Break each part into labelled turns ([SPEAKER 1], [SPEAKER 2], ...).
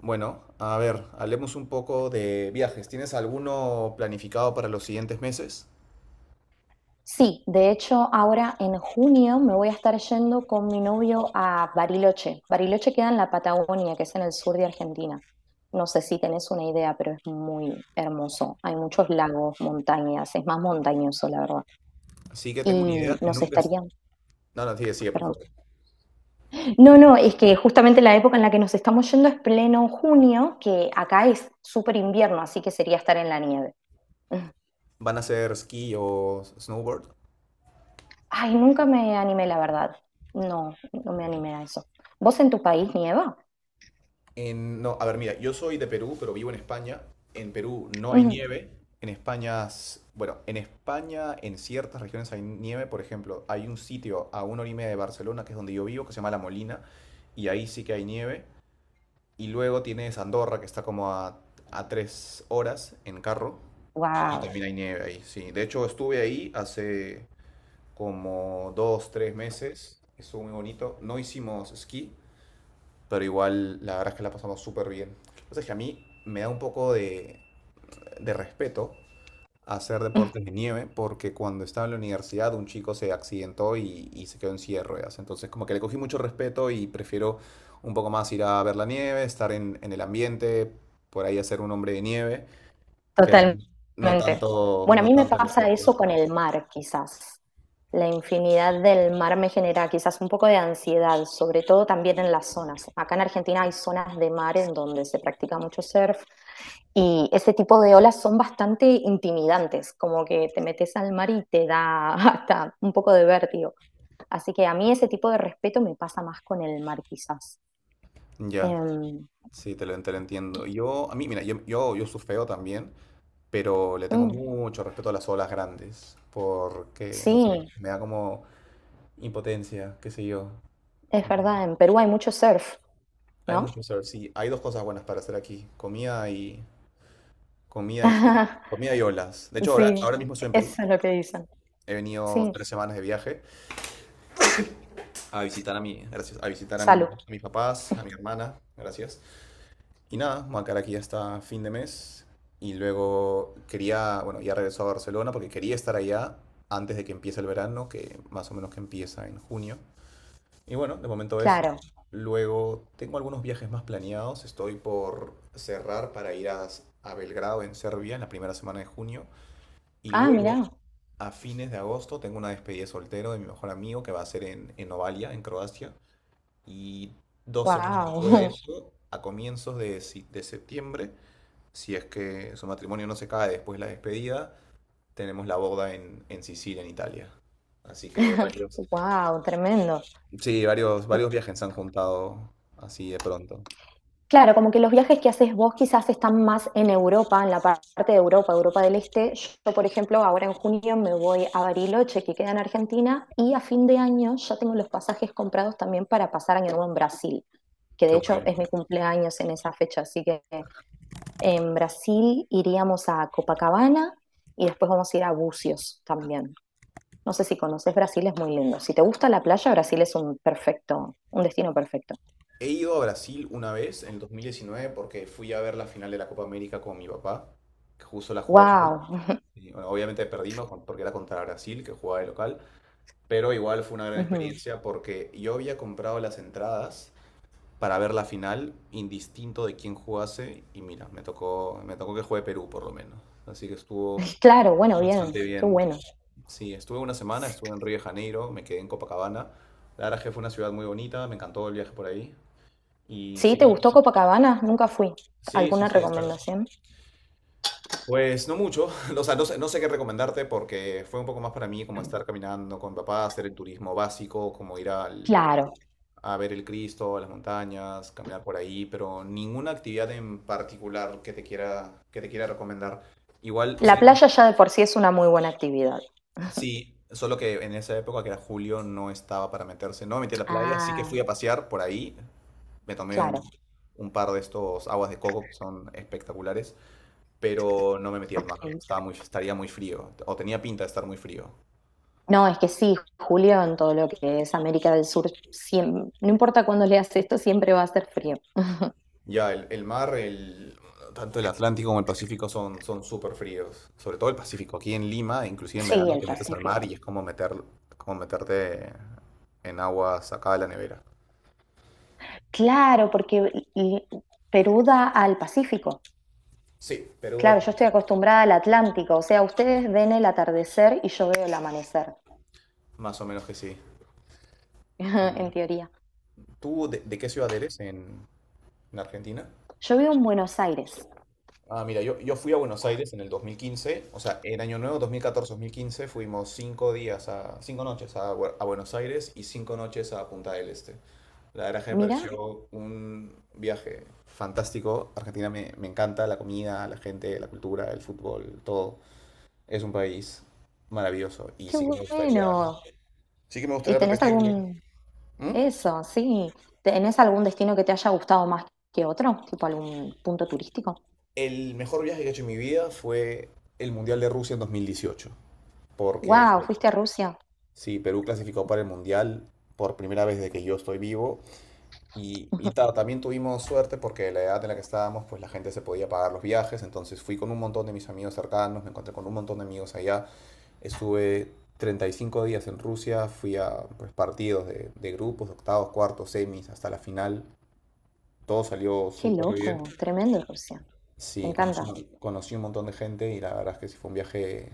[SPEAKER 1] Bueno, a ver, hablemos un poco de viajes. ¿Tienes alguno planificado para los siguientes meses?
[SPEAKER 2] Sí, de hecho, ahora en junio me voy a estar yendo con mi novio a Bariloche. Bariloche queda en la Patagonia, que es en el sur de Argentina. No sé si tenés una idea, pero es muy hermoso. Hay muchos lagos, montañas, es más montañoso, la verdad.
[SPEAKER 1] Así que tengo una idea.
[SPEAKER 2] Y nos
[SPEAKER 1] Nunca.
[SPEAKER 2] estarían,
[SPEAKER 1] No, no, sigue, sigue, por
[SPEAKER 2] perdón.
[SPEAKER 1] favor.
[SPEAKER 2] No, no, es que justamente la época en la que nos estamos yendo es pleno junio, que acá es súper invierno, así que sería estar en la nieve. Mm.
[SPEAKER 1] ¿Van a ser esquí o snowboard?
[SPEAKER 2] Ay, nunca me animé, la verdad. No, no me animé a eso. ¿Vos en tu país nieva?
[SPEAKER 1] No, a ver, mira, yo soy de Perú, pero vivo en España. En Perú no hay nieve. En España, en ciertas regiones hay nieve. Por ejemplo, hay un sitio a una hora y media de Barcelona, que es donde yo vivo, que se llama La Molina, y ahí sí que hay nieve. Y luego tienes Andorra, que está como a 3 horas en carro. Y
[SPEAKER 2] Wow,
[SPEAKER 1] también hay nieve ahí, sí. De hecho, estuve ahí hace como 2, 3 meses. Estuvo muy bonito. No hicimos esquí, pero igual la verdad es que la pasamos súper bien. Entonces, que a mí me da un poco de respeto hacer deportes de nieve porque cuando estaba en la universidad un chico se accidentó y se quedó en silla de ruedas. Entonces como que le cogí mucho respeto y prefiero un poco más ir a ver la nieve, estar en el ambiente, por ahí hacer un hombre de nieve, pero no
[SPEAKER 2] totalmente.
[SPEAKER 1] tanto,
[SPEAKER 2] Bueno, a
[SPEAKER 1] no
[SPEAKER 2] mí me
[SPEAKER 1] tanto el
[SPEAKER 2] pasa
[SPEAKER 1] deporte.
[SPEAKER 2] eso con el mar, quizás. La infinidad del mar me genera quizás un poco de ansiedad, sobre todo también en las zonas. Acá en Argentina hay zonas de mar en donde se practica mucho surf y ese tipo de olas son bastante intimidantes, como que te metes al mar y te da hasta un poco de vértigo. Así que a mí ese tipo de respeto me pasa más con el mar, quizás.
[SPEAKER 1] Ya,
[SPEAKER 2] Em,
[SPEAKER 1] sí, te lo entiendo. Yo, a mí, mira, yo surfeo también, pero le tengo
[SPEAKER 2] mm,
[SPEAKER 1] mucho respeto a las olas grandes porque, no sé,
[SPEAKER 2] sí,
[SPEAKER 1] me da como impotencia, qué sé yo.
[SPEAKER 2] es verdad, en Perú hay mucho surf.
[SPEAKER 1] Hay mucho
[SPEAKER 2] ¿No?
[SPEAKER 1] surf, sí. Hay dos cosas buenas para hacer aquí. Comida y surf. Comida y olas. De hecho, ahora,
[SPEAKER 2] Sí,
[SPEAKER 1] ahora mismo estoy en Perú.
[SPEAKER 2] eso es lo que dicen.
[SPEAKER 1] He venido
[SPEAKER 2] Sí,
[SPEAKER 1] 3 semanas de viaje a visitar a mi, gracias,
[SPEAKER 2] salud,
[SPEAKER 1] a mis papás, a mi hermana, gracias. Y nada, me voy a quedar aquí hasta fin de mes. Y luego quería, bueno, ya regresó a Barcelona porque quería estar allá antes de que empiece el verano, que más o menos que empieza en junio. Y bueno, de momento eso.
[SPEAKER 2] claro.
[SPEAKER 1] Luego tengo algunos viajes más planeados. Estoy por cerrar para ir a Belgrado en Serbia en la primera semana de junio. Y
[SPEAKER 2] Ah,
[SPEAKER 1] luego,
[SPEAKER 2] mirá,
[SPEAKER 1] a fines de agosto, tengo una despedida de soltero de mi mejor amigo que va a ser en Novalia, en Croacia. Y 2 semanas después de
[SPEAKER 2] wow,
[SPEAKER 1] eso, a comienzos de septiembre, si es que su matrimonio no se cae después de la despedida, tenemos la boda en Sicilia, en Italia. Así que varios,
[SPEAKER 2] wow, tremendo.
[SPEAKER 1] sí, varios viajes se han juntado así de pronto.
[SPEAKER 2] Claro, como que los viajes que haces vos quizás están más en Europa, en la parte de Europa, Europa del Este. Yo, por ejemplo, ahora en junio me voy a Bariloche, que queda en Argentina, y a fin de año ya tengo los pasajes comprados también para pasar año nuevo en Brasil, que
[SPEAKER 1] Qué
[SPEAKER 2] de hecho
[SPEAKER 1] bueno.
[SPEAKER 2] es mi cumpleaños en esa fecha, así que en Brasil iríamos a Copacabana y después vamos a ir a Bucios también. No sé si conoces Brasil, es muy lindo. Si te gusta la playa, Brasil es un perfecto, un destino perfecto.
[SPEAKER 1] He ido a Brasil una vez en el 2019 porque fui a ver la final de la Copa América con mi papá, que justo la jugó Perú.
[SPEAKER 2] Wow.
[SPEAKER 1] Y, bueno, obviamente perdimos porque era contra Brasil, que jugaba de local, pero igual fue una gran experiencia porque yo había comprado las entradas para ver la final, indistinto de quién jugase, y mira, me tocó que juegue Perú por lo menos. Así que estuvo
[SPEAKER 2] Claro, bueno, bien,
[SPEAKER 1] bastante
[SPEAKER 2] qué
[SPEAKER 1] bien.
[SPEAKER 2] bueno.
[SPEAKER 1] Sí, estuve una semana, estuve en Río de Janeiro, me quedé en Copacabana. La verdad es que fue una ciudad muy bonita, me encantó el viaje por ahí. Y
[SPEAKER 2] ¿Sí?
[SPEAKER 1] sí,
[SPEAKER 2] ¿Te gustó Copacabana? Nunca fui.
[SPEAKER 1] sí,
[SPEAKER 2] ¿Alguna recomendación?
[SPEAKER 1] pues no mucho, o sea, no sé qué recomendarte porque fue un poco más para mí como estar caminando con mi papá, hacer el turismo básico, como
[SPEAKER 2] Claro.
[SPEAKER 1] a ver el Cristo, a las montañas, caminar por ahí, pero ninguna actividad en particular que te quiera recomendar. Igual,
[SPEAKER 2] La
[SPEAKER 1] sí,
[SPEAKER 2] playa ya de por sí es una muy buena actividad.
[SPEAKER 1] sí, solo que en esa época, que era julio, no estaba para meterse. No me metí a la playa, sí que fui
[SPEAKER 2] Ah,
[SPEAKER 1] a pasear por ahí. Me tomé un,
[SPEAKER 2] claro.
[SPEAKER 1] un par de estos aguas de coco que son espectaculares, pero no me metí al mar. Estaba muy, estaría muy frío, o tenía pinta de estar muy frío.
[SPEAKER 2] No, es que sí, Julio, en todo lo que es América del Sur, no importa cuándo leas esto, siempre va a ser frío.
[SPEAKER 1] Ya, el mar, tanto el Atlántico como el Pacífico son súper fríos. Sobre todo el Pacífico. Aquí en Lima, inclusive en
[SPEAKER 2] Sí,
[SPEAKER 1] verano,
[SPEAKER 2] el
[SPEAKER 1] te metes al mar
[SPEAKER 2] Pacífico.
[SPEAKER 1] y es como, como meterte en agua sacada de la nevera.
[SPEAKER 2] Claro, porque Perú da al Pacífico.
[SPEAKER 1] Sí, Perú,
[SPEAKER 2] Claro, yo estoy acostumbrada al Atlántico, o sea, ustedes ven el atardecer y yo veo el amanecer,
[SPEAKER 1] más o menos que sí.
[SPEAKER 2] en teoría.
[SPEAKER 1] ¿Tú de qué ciudad eres en Argentina?
[SPEAKER 2] Yo vivo en Buenos Aires.
[SPEAKER 1] Ah, mira, yo fui a Buenos Aires en el 2015, o sea, en Año Nuevo dos mil catorce mil quince fuimos 5 días a, 5 noches a Buenos Aires y 5 noches a Punta del Este. La verdad que me
[SPEAKER 2] Mirá,
[SPEAKER 1] pareció un viaje fantástico. Argentina me encanta, la comida, la gente, la cultura, el fútbol, todo. Es un país maravilloso y
[SPEAKER 2] qué
[SPEAKER 1] sí que me gustaría,
[SPEAKER 2] bueno.
[SPEAKER 1] sí que me
[SPEAKER 2] ¿Y
[SPEAKER 1] gustaría
[SPEAKER 2] tenés
[SPEAKER 1] repetirlo.
[SPEAKER 2] algún,
[SPEAKER 1] ¿Mm?
[SPEAKER 2] eso, sí, tenés algún destino que te haya gustado más que otro? Tipo algún punto turístico.
[SPEAKER 1] El mejor viaje que he hecho en mi vida fue el Mundial de Rusia en 2018. Porque
[SPEAKER 2] Wow, fuiste a Rusia.
[SPEAKER 1] sí, Perú clasificó para el Mundial por primera vez desde que yo estoy vivo. Y
[SPEAKER 2] Ujú.
[SPEAKER 1] también tuvimos suerte porque la edad en la que estábamos, pues la gente se podía pagar los viajes. Entonces fui con un montón de mis amigos cercanos, me encontré con un montón de amigos allá. Estuve 35 días en Rusia, fui a pues, partidos de grupos, octavos, cuartos, semis, hasta la final. Todo salió
[SPEAKER 2] Qué
[SPEAKER 1] súper bien.
[SPEAKER 2] loco, tremendo Rusia. Me
[SPEAKER 1] Sí, conocí,
[SPEAKER 2] encanta.
[SPEAKER 1] conocí un montón de gente y la verdad es que sí fue un viaje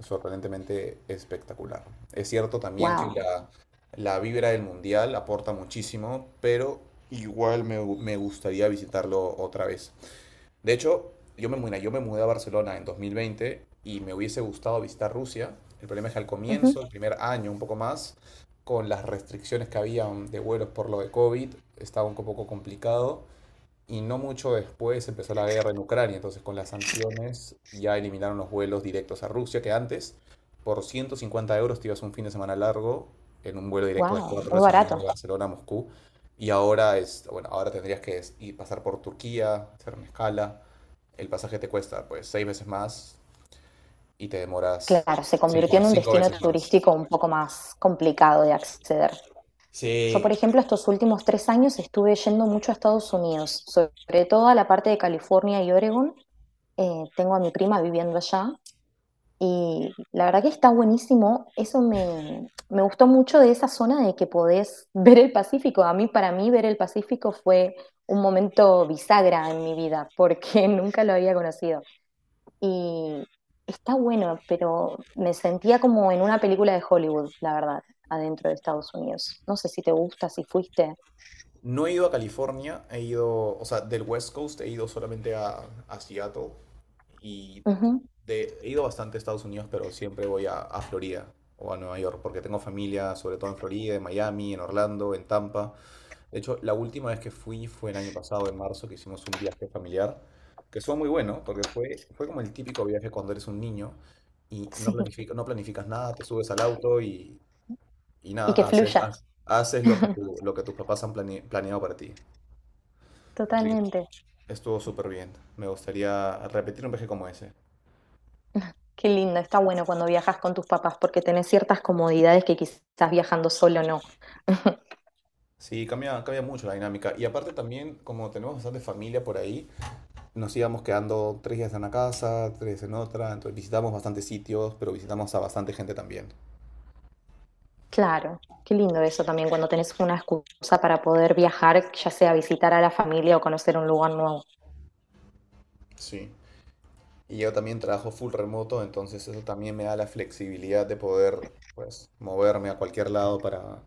[SPEAKER 1] sorprendentemente espectacular. Es cierto también que
[SPEAKER 2] Wow.
[SPEAKER 1] la vibra del mundial aporta muchísimo, pero igual me gustaría visitarlo otra vez. De hecho, mira, yo me mudé a Barcelona en 2020 y me hubiese gustado visitar Rusia. El problema es que al comienzo, el primer año, un poco más, con las restricciones que había de vuelos por lo de COVID, estaba un poco complicado. Y no mucho después empezó la guerra en Ucrania, entonces con las sanciones ya eliminaron los vuelos directos a Rusia, que antes por 150 euros te ibas un fin de semana largo en un vuelo directo de
[SPEAKER 2] Wow,
[SPEAKER 1] 4
[SPEAKER 2] muy
[SPEAKER 1] horas y media de
[SPEAKER 2] barato.
[SPEAKER 1] Barcelona a Moscú. Y ahora es, bueno, ahora tendrías que pasar por Turquía, hacer una escala. El pasaje te cuesta pues seis veces más y te demoras
[SPEAKER 2] Claro, se
[SPEAKER 1] cinco,
[SPEAKER 2] convirtió en un
[SPEAKER 1] cinco
[SPEAKER 2] destino
[SPEAKER 1] veces más.
[SPEAKER 2] turístico un poco más complicado de acceder. Yo,
[SPEAKER 1] Sí.
[SPEAKER 2] por ejemplo, estos últimos 3 años estuve yendo mucho a Estados Unidos, sobre todo a la parte de California y Oregon. Tengo a mi prima viviendo allá. Y la verdad que está buenísimo. Eso me, me gustó mucho de esa zona de que podés ver el Pacífico. A mí, para mí, ver el Pacífico fue un momento bisagra en mi vida, porque nunca lo había conocido. Y está bueno, pero me sentía como en una película de Hollywood, la verdad, adentro de Estados Unidos. No sé si te gusta, si fuiste.
[SPEAKER 1] No he ido a California, o sea, del West Coast he ido solamente a Seattle. Y
[SPEAKER 2] Ujú,
[SPEAKER 1] he ido bastante a Estados Unidos, pero siempre voy a Florida o a Nueva York, porque tengo familia, sobre todo en Florida, en Miami, en Orlando, en Tampa. De hecho, la última vez que fui fue el año pasado, en marzo, que hicimos un viaje familiar, que estuvo muy bueno, porque fue como el típico viaje cuando eres un niño y
[SPEAKER 2] sí,
[SPEAKER 1] no planificas nada, te subes al auto y
[SPEAKER 2] y que
[SPEAKER 1] nada,
[SPEAKER 2] fluya.
[SPEAKER 1] haces lo que lo que tus papás han planeado para ti. Así que
[SPEAKER 2] Totalmente.
[SPEAKER 1] estuvo súper bien. Me gustaría repetir un viaje como ese.
[SPEAKER 2] Qué lindo, está bueno cuando viajas con tus papás porque tenés ciertas comodidades que quizás viajando solo no.
[SPEAKER 1] Sí, cambia, cambia mucho la dinámica. Y aparte también, como tenemos bastante familia por ahí, nos íbamos quedando 3 días en una casa, tres en otra, entonces visitamos bastantes sitios, pero visitamos a bastante gente también.
[SPEAKER 2] Claro, qué lindo eso también cuando tenés una excusa para poder viajar, ya sea visitar a la familia o conocer un lugar nuevo.
[SPEAKER 1] Sí. Y yo también trabajo full remoto, entonces eso también me da la flexibilidad de poder, pues, moverme a cualquier lado para,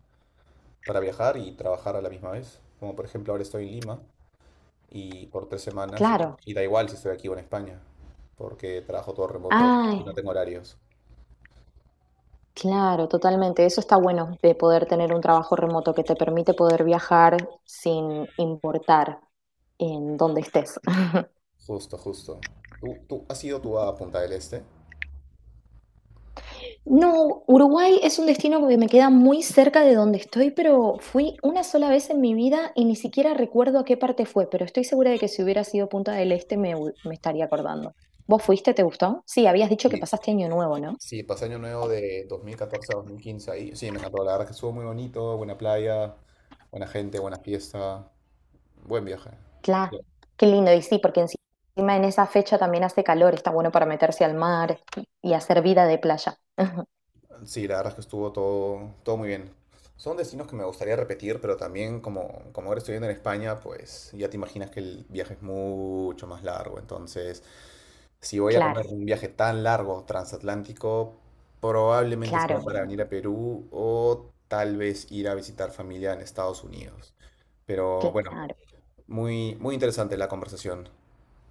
[SPEAKER 1] para viajar y trabajar a la misma vez. Como por ejemplo ahora estoy en Lima y por 3 semanas, y,
[SPEAKER 2] Claro.
[SPEAKER 1] y da igual si estoy aquí o en España, porque trabajo todo remoto y
[SPEAKER 2] Ay,
[SPEAKER 1] no tengo horarios.
[SPEAKER 2] claro, totalmente. Eso está bueno de poder tener un trabajo remoto que te permite poder viajar sin importar en dónde estés.
[SPEAKER 1] Justo, justo. ¿Tú has ido tú a Punta del Este?
[SPEAKER 2] No, Uruguay es un destino que me queda muy cerca de donde estoy, pero fui una sola vez en mi vida y ni siquiera recuerdo a qué parte fue, pero estoy segura de que si hubiera sido Punta del Este me, me estaría acordando. ¿Vos fuiste? ¿Te gustó? Sí, habías dicho que
[SPEAKER 1] Sí.
[SPEAKER 2] pasaste Año Nuevo, ¿no?
[SPEAKER 1] Sí, pasé año nuevo de 2014 a 2015 ahí. Sí, me encantó. La verdad que estuvo muy bonito, buena playa, buena gente, buena fiesta, buen viaje.
[SPEAKER 2] Claro, qué lindo. Y sí, porque encima en esa fecha también hace calor, está bueno para meterse al mar y hacer vida de playa.
[SPEAKER 1] Sí, la verdad es que estuvo todo, todo muy bien. Son destinos que me gustaría repetir, pero también como ahora estoy viviendo en España, pues ya te imaginas que el viaje es mucho más largo. Entonces, si voy a comer
[SPEAKER 2] Claro,
[SPEAKER 1] un viaje tan largo transatlántico, probablemente sea
[SPEAKER 2] claro,
[SPEAKER 1] para venir a Perú o tal vez ir a visitar familia en Estados Unidos. Pero bueno,
[SPEAKER 2] claro.
[SPEAKER 1] muy, muy interesante la conversación.